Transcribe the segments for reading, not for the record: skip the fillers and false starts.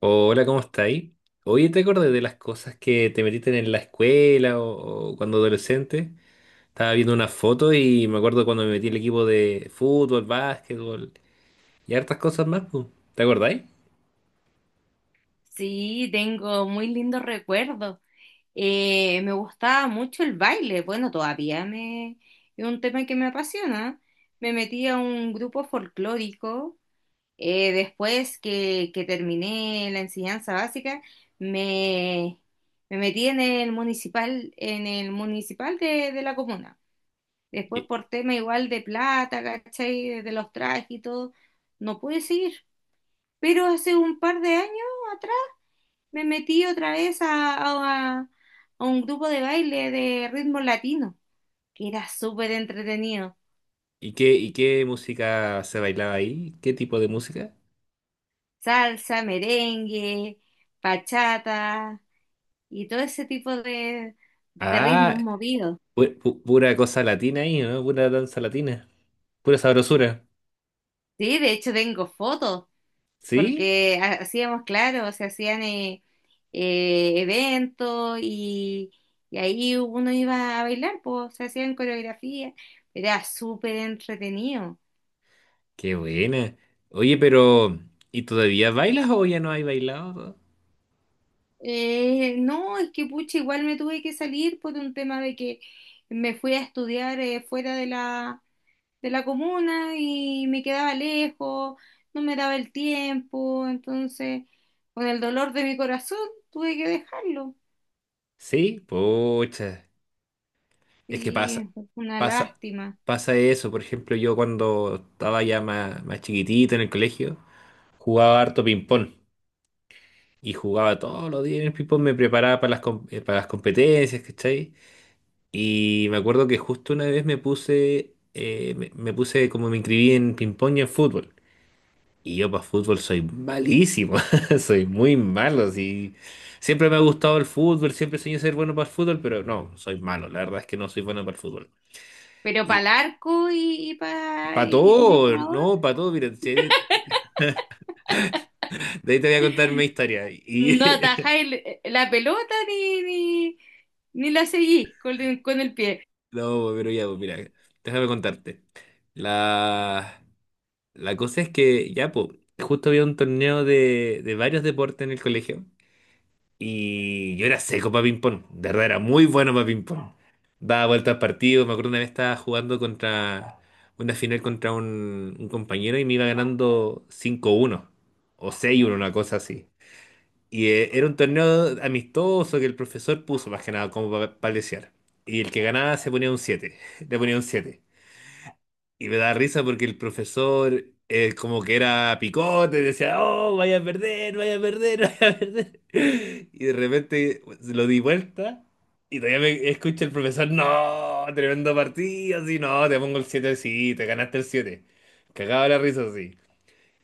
Hola, ¿cómo estáis? Oye, ¿te acordás de las cosas que te metiste en la escuela o cuando adolescente? Estaba viendo una foto y me acuerdo cuando me metí en el equipo de fútbol, básquetbol y hartas cosas más, pu. ¿Te acordáis? Sí, tengo muy lindos recuerdos. Me gustaba mucho el baile. Bueno, todavía es un tema que me apasiona. Me metí a un grupo folclórico. Después que terminé la enseñanza básica, me, me metí en el municipal de la comuna. Después ¿Y, por tema igual de plata, ¿cachai? De los trajes y todo, no pude seguir. Pero hace un par de años atrás me metí otra vez a un grupo de baile de ritmo latino, que era súper entretenido. y qué música se bailaba ahí? ¿Qué tipo de música? Salsa, merengue, bachata y todo ese tipo de Ah, ritmos movidos. Pura cosa latina ahí, ¿no? Pura danza latina, pura sabrosura. Sí, de hecho tengo fotos, ¿Sí? porque hacíamos, claro, se hacían eventos y ahí uno iba a bailar, pues se hacían coreografías. Era súper entretenido. Qué buena. Oye, pero ¿y todavía bailas o ya no hay bailado? No, es que pucha, igual me tuve que salir por un tema de que me fui a estudiar, fuera de de la comuna y me quedaba lejos, no me daba el tiempo, entonces con el dolor de mi corazón tuve que dejarlo. Sí, pocha. Es que Sí, pasa, es una pasa, lástima. pasa eso. Por ejemplo, yo cuando estaba ya más, más chiquitito en el colegio, jugaba harto ping-pong. Y jugaba todos los días en el ping-pong, me preparaba para las competencias, ¿cachai? Y me acuerdo que justo una vez me puse como me inscribí en ping-pong y en fútbol. Y yo para fútbol soy malísimo, soy muy malo así. Siempre me ha gustado el fútbol, siempre soñé ser bueno para el fútbol, pero no, soy malo. La verdad es que no soy bueno para el fútbol. Pero para el arco Para y como todo, jugador, no, para todo, mira, de ahí te voy a contar mi historia. no atajáis la pelota ni la seguís con el pie. no, pero ya, pues, mira, déjame contarte. La, la cosa es que, ya, pues, justo había un torneo de varios deportes en el colegio y yo era seco para ping-pong, de verdad era muy bueno para ping-pong. Daba vueltas al partido, me acuerdo una vez estaba jugando contra una final contra un compañero y me iba ganando 5-1 o 6-1 una cosa así. Y era un torneo amistoso que el profesor puso más que nada como para palesear. Y el que ganaba se ponía un siete. Le ponía un siete. Y me da risa porque el profesor como que era picote, decía, oh, vaya a perder, vaya a perder. Y de repente lo di vuelta y todavía me escucha el profesor, no, tremendo partido, sí, no, te pongo el siete, sí, te ganaste el siete. Cagaba la risa, sí.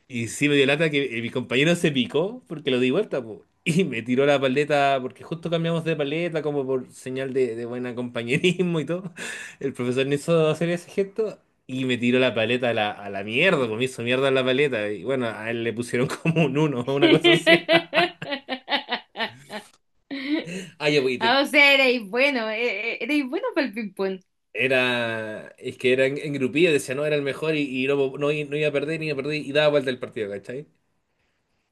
Y sí me dio lata que mi compañero se picó porque lo di vuelta, po. Y me tiró la paleta, porque justo cambiamos de paleta como por señal de buen compañerismo y todo. El profesor no hizo hacer ese gesto y me tiró la paleta a la, mierda, pues me hizo mierda en la paleta. Y bueno, a él le pusieron como un uno, o una cosa así. Ah, ya, pues, Ah, o sea, erais bueno para el ping-pong. era, es que era en, grupillo, decía, no, era el mejor y, no no iba a perder, ni iba a perder y daba vuelta el partido, ¿cachai?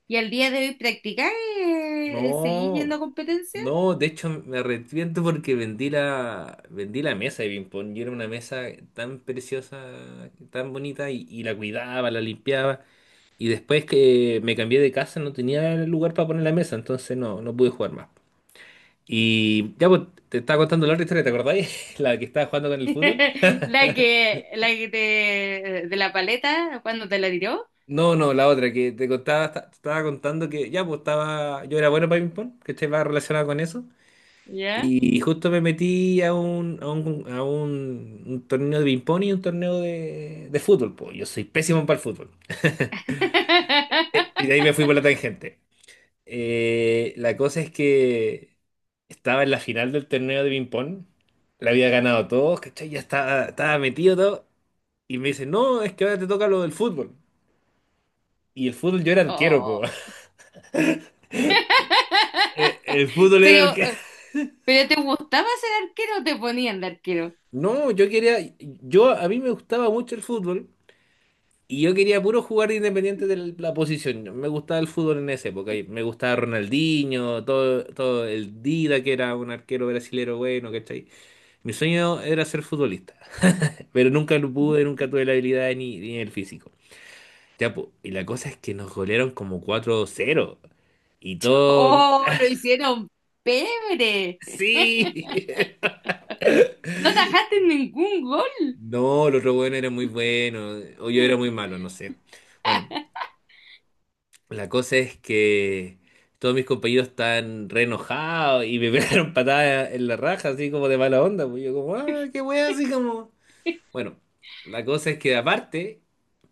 ¿Y al día de hoy practicáis? ¿Seguís No. yendo a competencia? No, de hecho me arrepiento porque vendí la mesa de ping-pong. Y era una mesa tan preciosa, tan bonita, y la cuidaba, la limpiaba. Y después que me cambié de casa no tenía lugar para poner la mesa, entonces no pude jugar más. Y ya pues, te estaba contando la otra historia, ¿te acordáis? La que estaba jugando con el fútbol. La la que te, de la paleta, cuando te la tiró. No, no, la otra que te contaba, te estaba contando que ya pues estaba, yo era bueno para ping-pong, que estaba relacionado con eso. ¿Ya? Y justo me metí a un torneo de ping-pong y un torneo de fútbol, po. Yo soy pésimo para el fútbol. Y de ahí me fui por la tangente. La cosa es que estaba en la final del torneo de ping-pong. La había ganado todos, ¿cachai? Ya estaba metido todo. Y me dice, no, es que ahora te toca lo del fútbol. Y el fútbol yo era arquero, po. Oh. El fútbol era Pero, arquero. eh, pero ¿te gustaba ser arquero o te ponían de arquero? No, yo quería. A mí me gustaba mucho el fútbol. Y yo quería puro jugar independiente de la posición. Me gustaba el fútbol en esa época, y me gustaba Ronaldinho, todo el Dida, que era un arquero brasilero bueno, ¿cachai? Mi sueño era ser futbolista, pero nunca lo pude, nunca tuve la habilidad ni el físico. Ya, po, y la cosa es que nos golearon como 4-0. Y todo. Oh, lo hicieron pebre. ¡Sí! No atajaste ningún gol. No, los otro bueno era muy bueno, o yo era muy malo, no sé. Bueno, la cosa es que todos mis compañeros están re enojados y me pegaron patadas en la raja, así como de mala onda. Pues yo como, ah, qué wea, así como. Bueno, la cosa es que aparte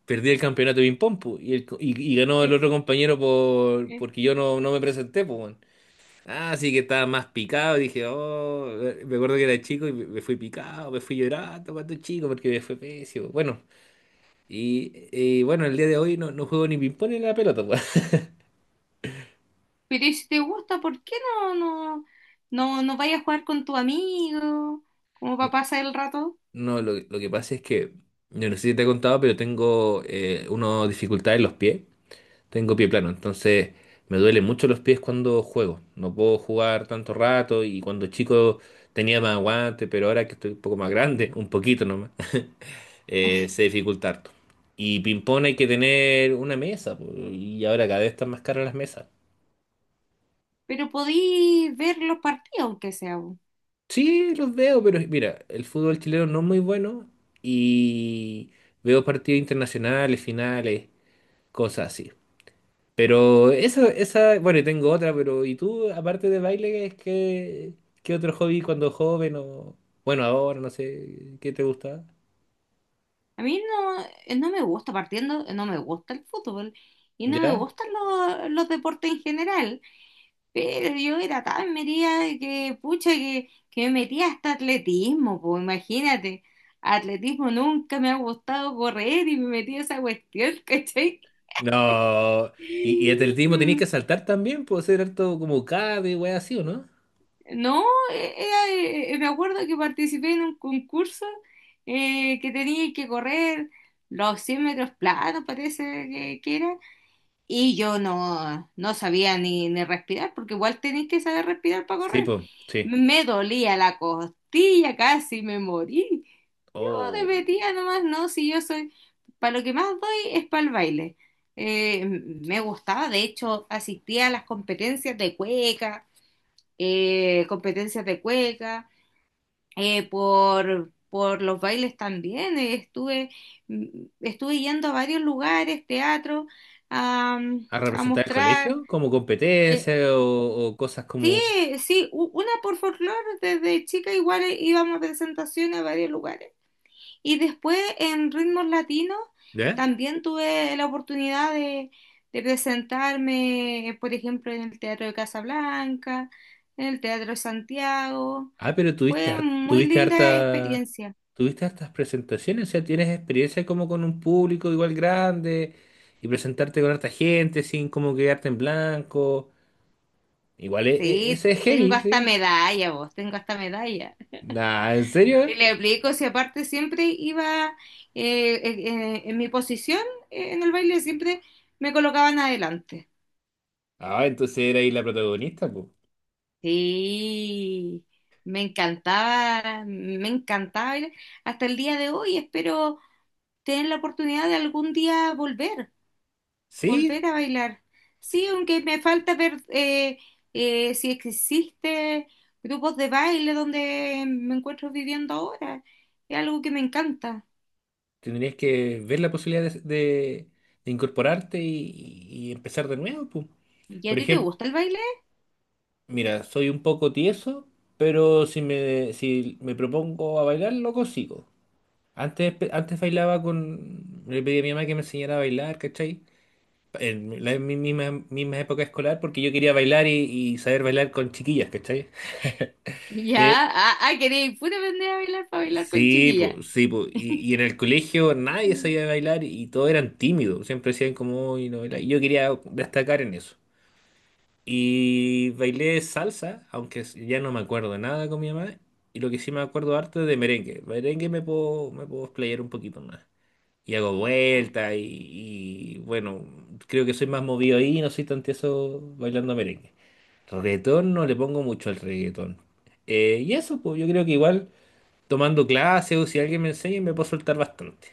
perdí el campeonato de ping-pong pu, y ganó el otro compañero porque yo no me presenté. Pues, weón. Ah, así que estaba más picado. Dije, oh, me acuerdo que era chico y me fui picado, me fui llorando cuando chico porque me fue pésimo. Bueno, y bueno, el día de hoy no, no juego ni ping-pong ni la pelota, pues. Pero ¿y si te gusta, ¿por qué no, no, no vayas a jugar con tu amigo? Como para pasar el rato. No, lo que pasa es que, yo no sé si te he contado, pero tengo una dificultad en los pies. Tengo pie plano, entonces me duelen mucho los pies cuando juego. No puedo jugar tanto rato y cuando chico tenía más aguante, pero ahora que estoy un poco más grande, un poquito nomás, se dificulta harto. Y ping-pong hay que tener una mesa, po, y ahora cada vez están más caras las mesas. Pero podí ver los partidos, aunque sea, po. Sí, los veo, pero mira, el fútbol chileno no es muy bueno y veo partidos internacionales, finales, cosas así. Pero bueno, y tengo otra, pero ¿y tú, aparte de baile, es que, qué otro hobby cuando joven o, bueno, ahora, no sé, qué te gusta? A mí no, no me gusta partiendo, no me gusta el fútbol y no me ¿Ya? gustan los deportes en general. Pero yo era tan metida que, pucha, que me metía hasta atletismo, pues imagínate. Atletismo nunca me ha gustado correr y me metí a esa cuestión, ¿cachai? No, y atletismo tenéis Mm, que saltar también, puede ser harto como CAD y así, ¿o no? no, me acuerdo que participé en un concurso, que tenía que correr los 100 metros planos, parece que, que era, Y yo no, no sabía ni respirar, porque igual tenéis que saber respirar para Sí, correr. pues, sí. Me dolía la costilla, casi me morí. Yo de O metida nomás, no, si yo soy, para lo que más doy es para el baile. Me gustaba, de hecho, asistía a las competencias de cueca, eh, competencias de cueca, por los bailes también. Estuve yendo a varios lugares, teatro, a a a representar el mostrar, colegio como competencia eh, o cosas sí, como, sí, una por folclore, desde chica igual, íbamos a presentaciones a varios lugares. Y después en ritmos latinos ¿ya? también tuve la oportunidad de presentarme, por ejemplo, en el Teatro de Casablanca, en el Teatro de Santiago. Ah, pero tuviste Fue harta, muy tuviste linda harta experiencia. ¿Tuviste hartas presentaciones? O sea, ¿tienes experiencia como con un público igual grande y presentarte con harta gente sin como quedarte en blanco? Igual Sí, ese es tengo heavy, hasta ¿sí? medalla, vos, tengo hasta medalla. Nah, ¿en serio? ¿Eh? Te le aplico, si aparte siempre iba, en mi posición, en el baile, siempre me colocaban adelante. Ah, entonces era ahí la protagonista, pues. Sí, me encantaba bailar. Hasta el día de hoy espero tener la oportunidad de algún día volver, volver Sí, a bailar. sí, Sí, aunque me falta ver, si existe grupos de baile donde me encuentro viviendo ahora. Es algo que me encanta. tendrías que ver la posibilidad de incorporarte y empezar de nuevo, pues. ¿Y a Por ti te ejemplo, gusta el baile? mira, soy un poco tieso, pero si me propongo a bailar, lo consigo. Antes, antes bailaba con. Le pedí a mi mamá que me enseñara a bailar, ¿cachai? En la misma época escolar, porque yo quería bailar y saber bailar con chiquillas, ¿cachai? Y en Ya, ah, ah, queréis puro aprender a bailar para bailar con sí, chiquilla. pues, sí, pues. Y, y en el colegio nadie sabía bailar y todos eran tímidos. Siempre decían como, "Uy, no baila". Y yo quería destacar en eso. Y bailé salsa, aunque ya no me acuerdo nada con mi mamá. Y lo que sí me acuerdo harto es de merengue. Merengue me puedo explayar un poquito más. Y hago vueltas y, bueno, creo que soy más movido ahí, no soy tan tieso bailando merengue. Reggaetón no le pongo mucho al reggaetón. Y eso, pues yo creo que igual tomando clases o si alguien me enseña me puedo soltar bastante.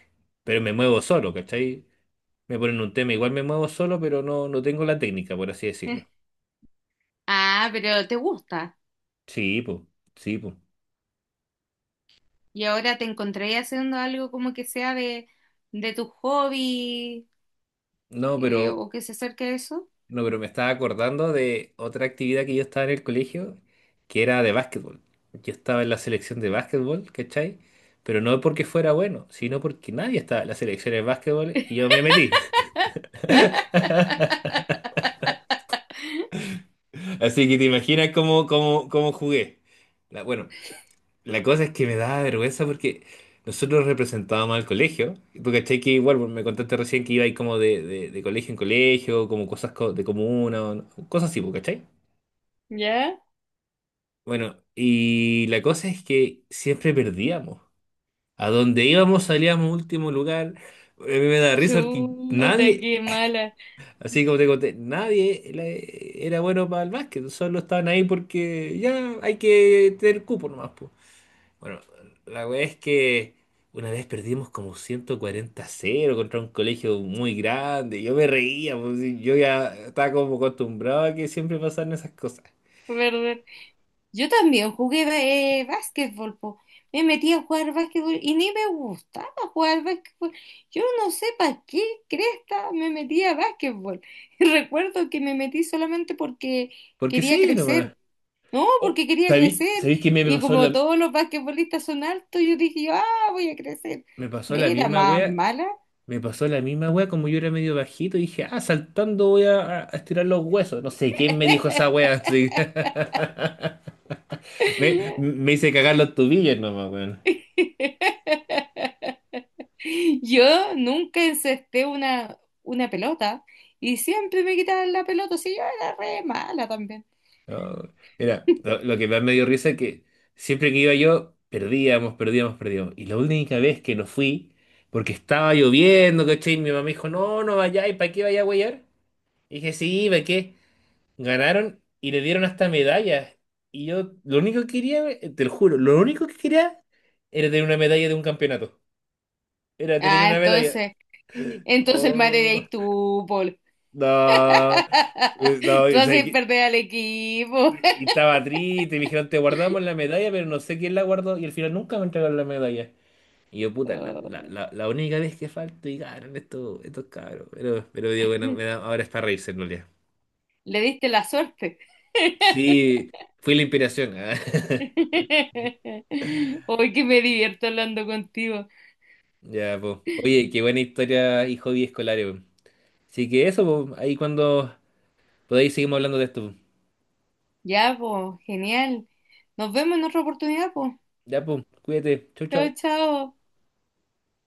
Pero me muevo solo, ¿cachai? Me ponen un tema, igual me muevo solo, pero no tengo la técnica, por así decirlo. Ah, pero te gusta. Sí, pues, sí, pues. Y ahora te encontré haciendo algo como que sea de tu hobby, No, pero o que se acerque a eso. No, pero me estaba acordando de otra actividad que yo estaba en el colegio, que era de básquetbol. Yo estaba en la selección de básquetbol, ¿cachai? Pero no porque fuera bueno, sino porque nadie estaba en la selección de básquetbol y yo me metí. Así que te imaginas cómo jugué. Bueno, la cosa es que me daba vergüenza porque nosotros representábamos al colegio. Porque, ¿cachai? Que igual bueno, me contaste recién que iba ahí como de, de colegio en colegio, como cosas de comuna, o no- cosas así, pues, ¿cachai? ¿Ya? Bueno, y la cosa es que siempre perdíamos. A donde íbamos salíamos último lugar. A mí me da risa porque Chuta, nadie, qué mala, así como te conté, nadie era bueno para el básquet. Solo estaban ahí porque ya hay que tener cupo nomás, po. Bueno, la verdad es que una vez perdimos como 140-0 contra un colegio muy grande. Yo me reía, pues, y yo ya estaba como acostumbrado a que siempre pasaran esas cosas. ¿verdad? Yo también jugué, básquetbol, po. Me metí a jugar básquetbol y ni me gustaba jugar básquetbol. Yo no sé para qué cresta me metí a básquetbol. Recuerdo que me metí solamente porque Porque quería sí, nomás. crecer. No, Oh, porque quería ¿sabí- crecer. ¿sabéis que me Y pasó como la, todos los basquetbolistas son altos, yo dije, ah, voy a crecer. me pasó la Era misma más wea? mala. Me pasó la misma wea, como yo era medio bajito, dije, ah, saltando voy a estirar los huesos. No sé quién me dijo esa wea, así. Me hice cagar los tubillos nomás, weón. Yo nunca encesté una pelota y siempre me quitaban la pelota, si yo era re mala también. No, mira, lo, lo que más me dio risa es que siempre que iba yo, perdíamos, perdíamos, perdíamos. Y la única vez que no fui, porque estaba lloviendo, ¿cachai? Mi mamá me dijo, no, no vayáis, ¿para qué vaya a huear? Y dije, sí, ¿para qué? Ganaron y le dieron hasta medallas. Y yo lo único que quería, te lo juro, lo único que quería era tener una medalla de un campeonato. Era tener Ah, una medalla. entonces, entonces el madre de Oh, ahí tú, Paul. no. No, Tú o sea, haces y, perder al equipo. y- y estaba triste, y me dijeron, te guardamos la medalla, pero no sé quién la guardó, y al final nunca me entregaron la medalla. Y yo, puta, la, la, Oh, la, la única vez que falto y ganan estos cabros. Pero digo, bueno, ahora es para reírse en realidad. le diste la suerte. Sí, fui la inspiración. Ah. Hoy que me divierto hablando contigo. Ya, pues. Oye, qué buena historia y hobby escolar, weón. Así que eso, po. Ahí cuando podáis seguimos hablando de esto, po. Ya, pues, genial. Nos vemos en otra oportunidad, pues. Ya, pues. Cuídate. Chau, Chao, chau. chao.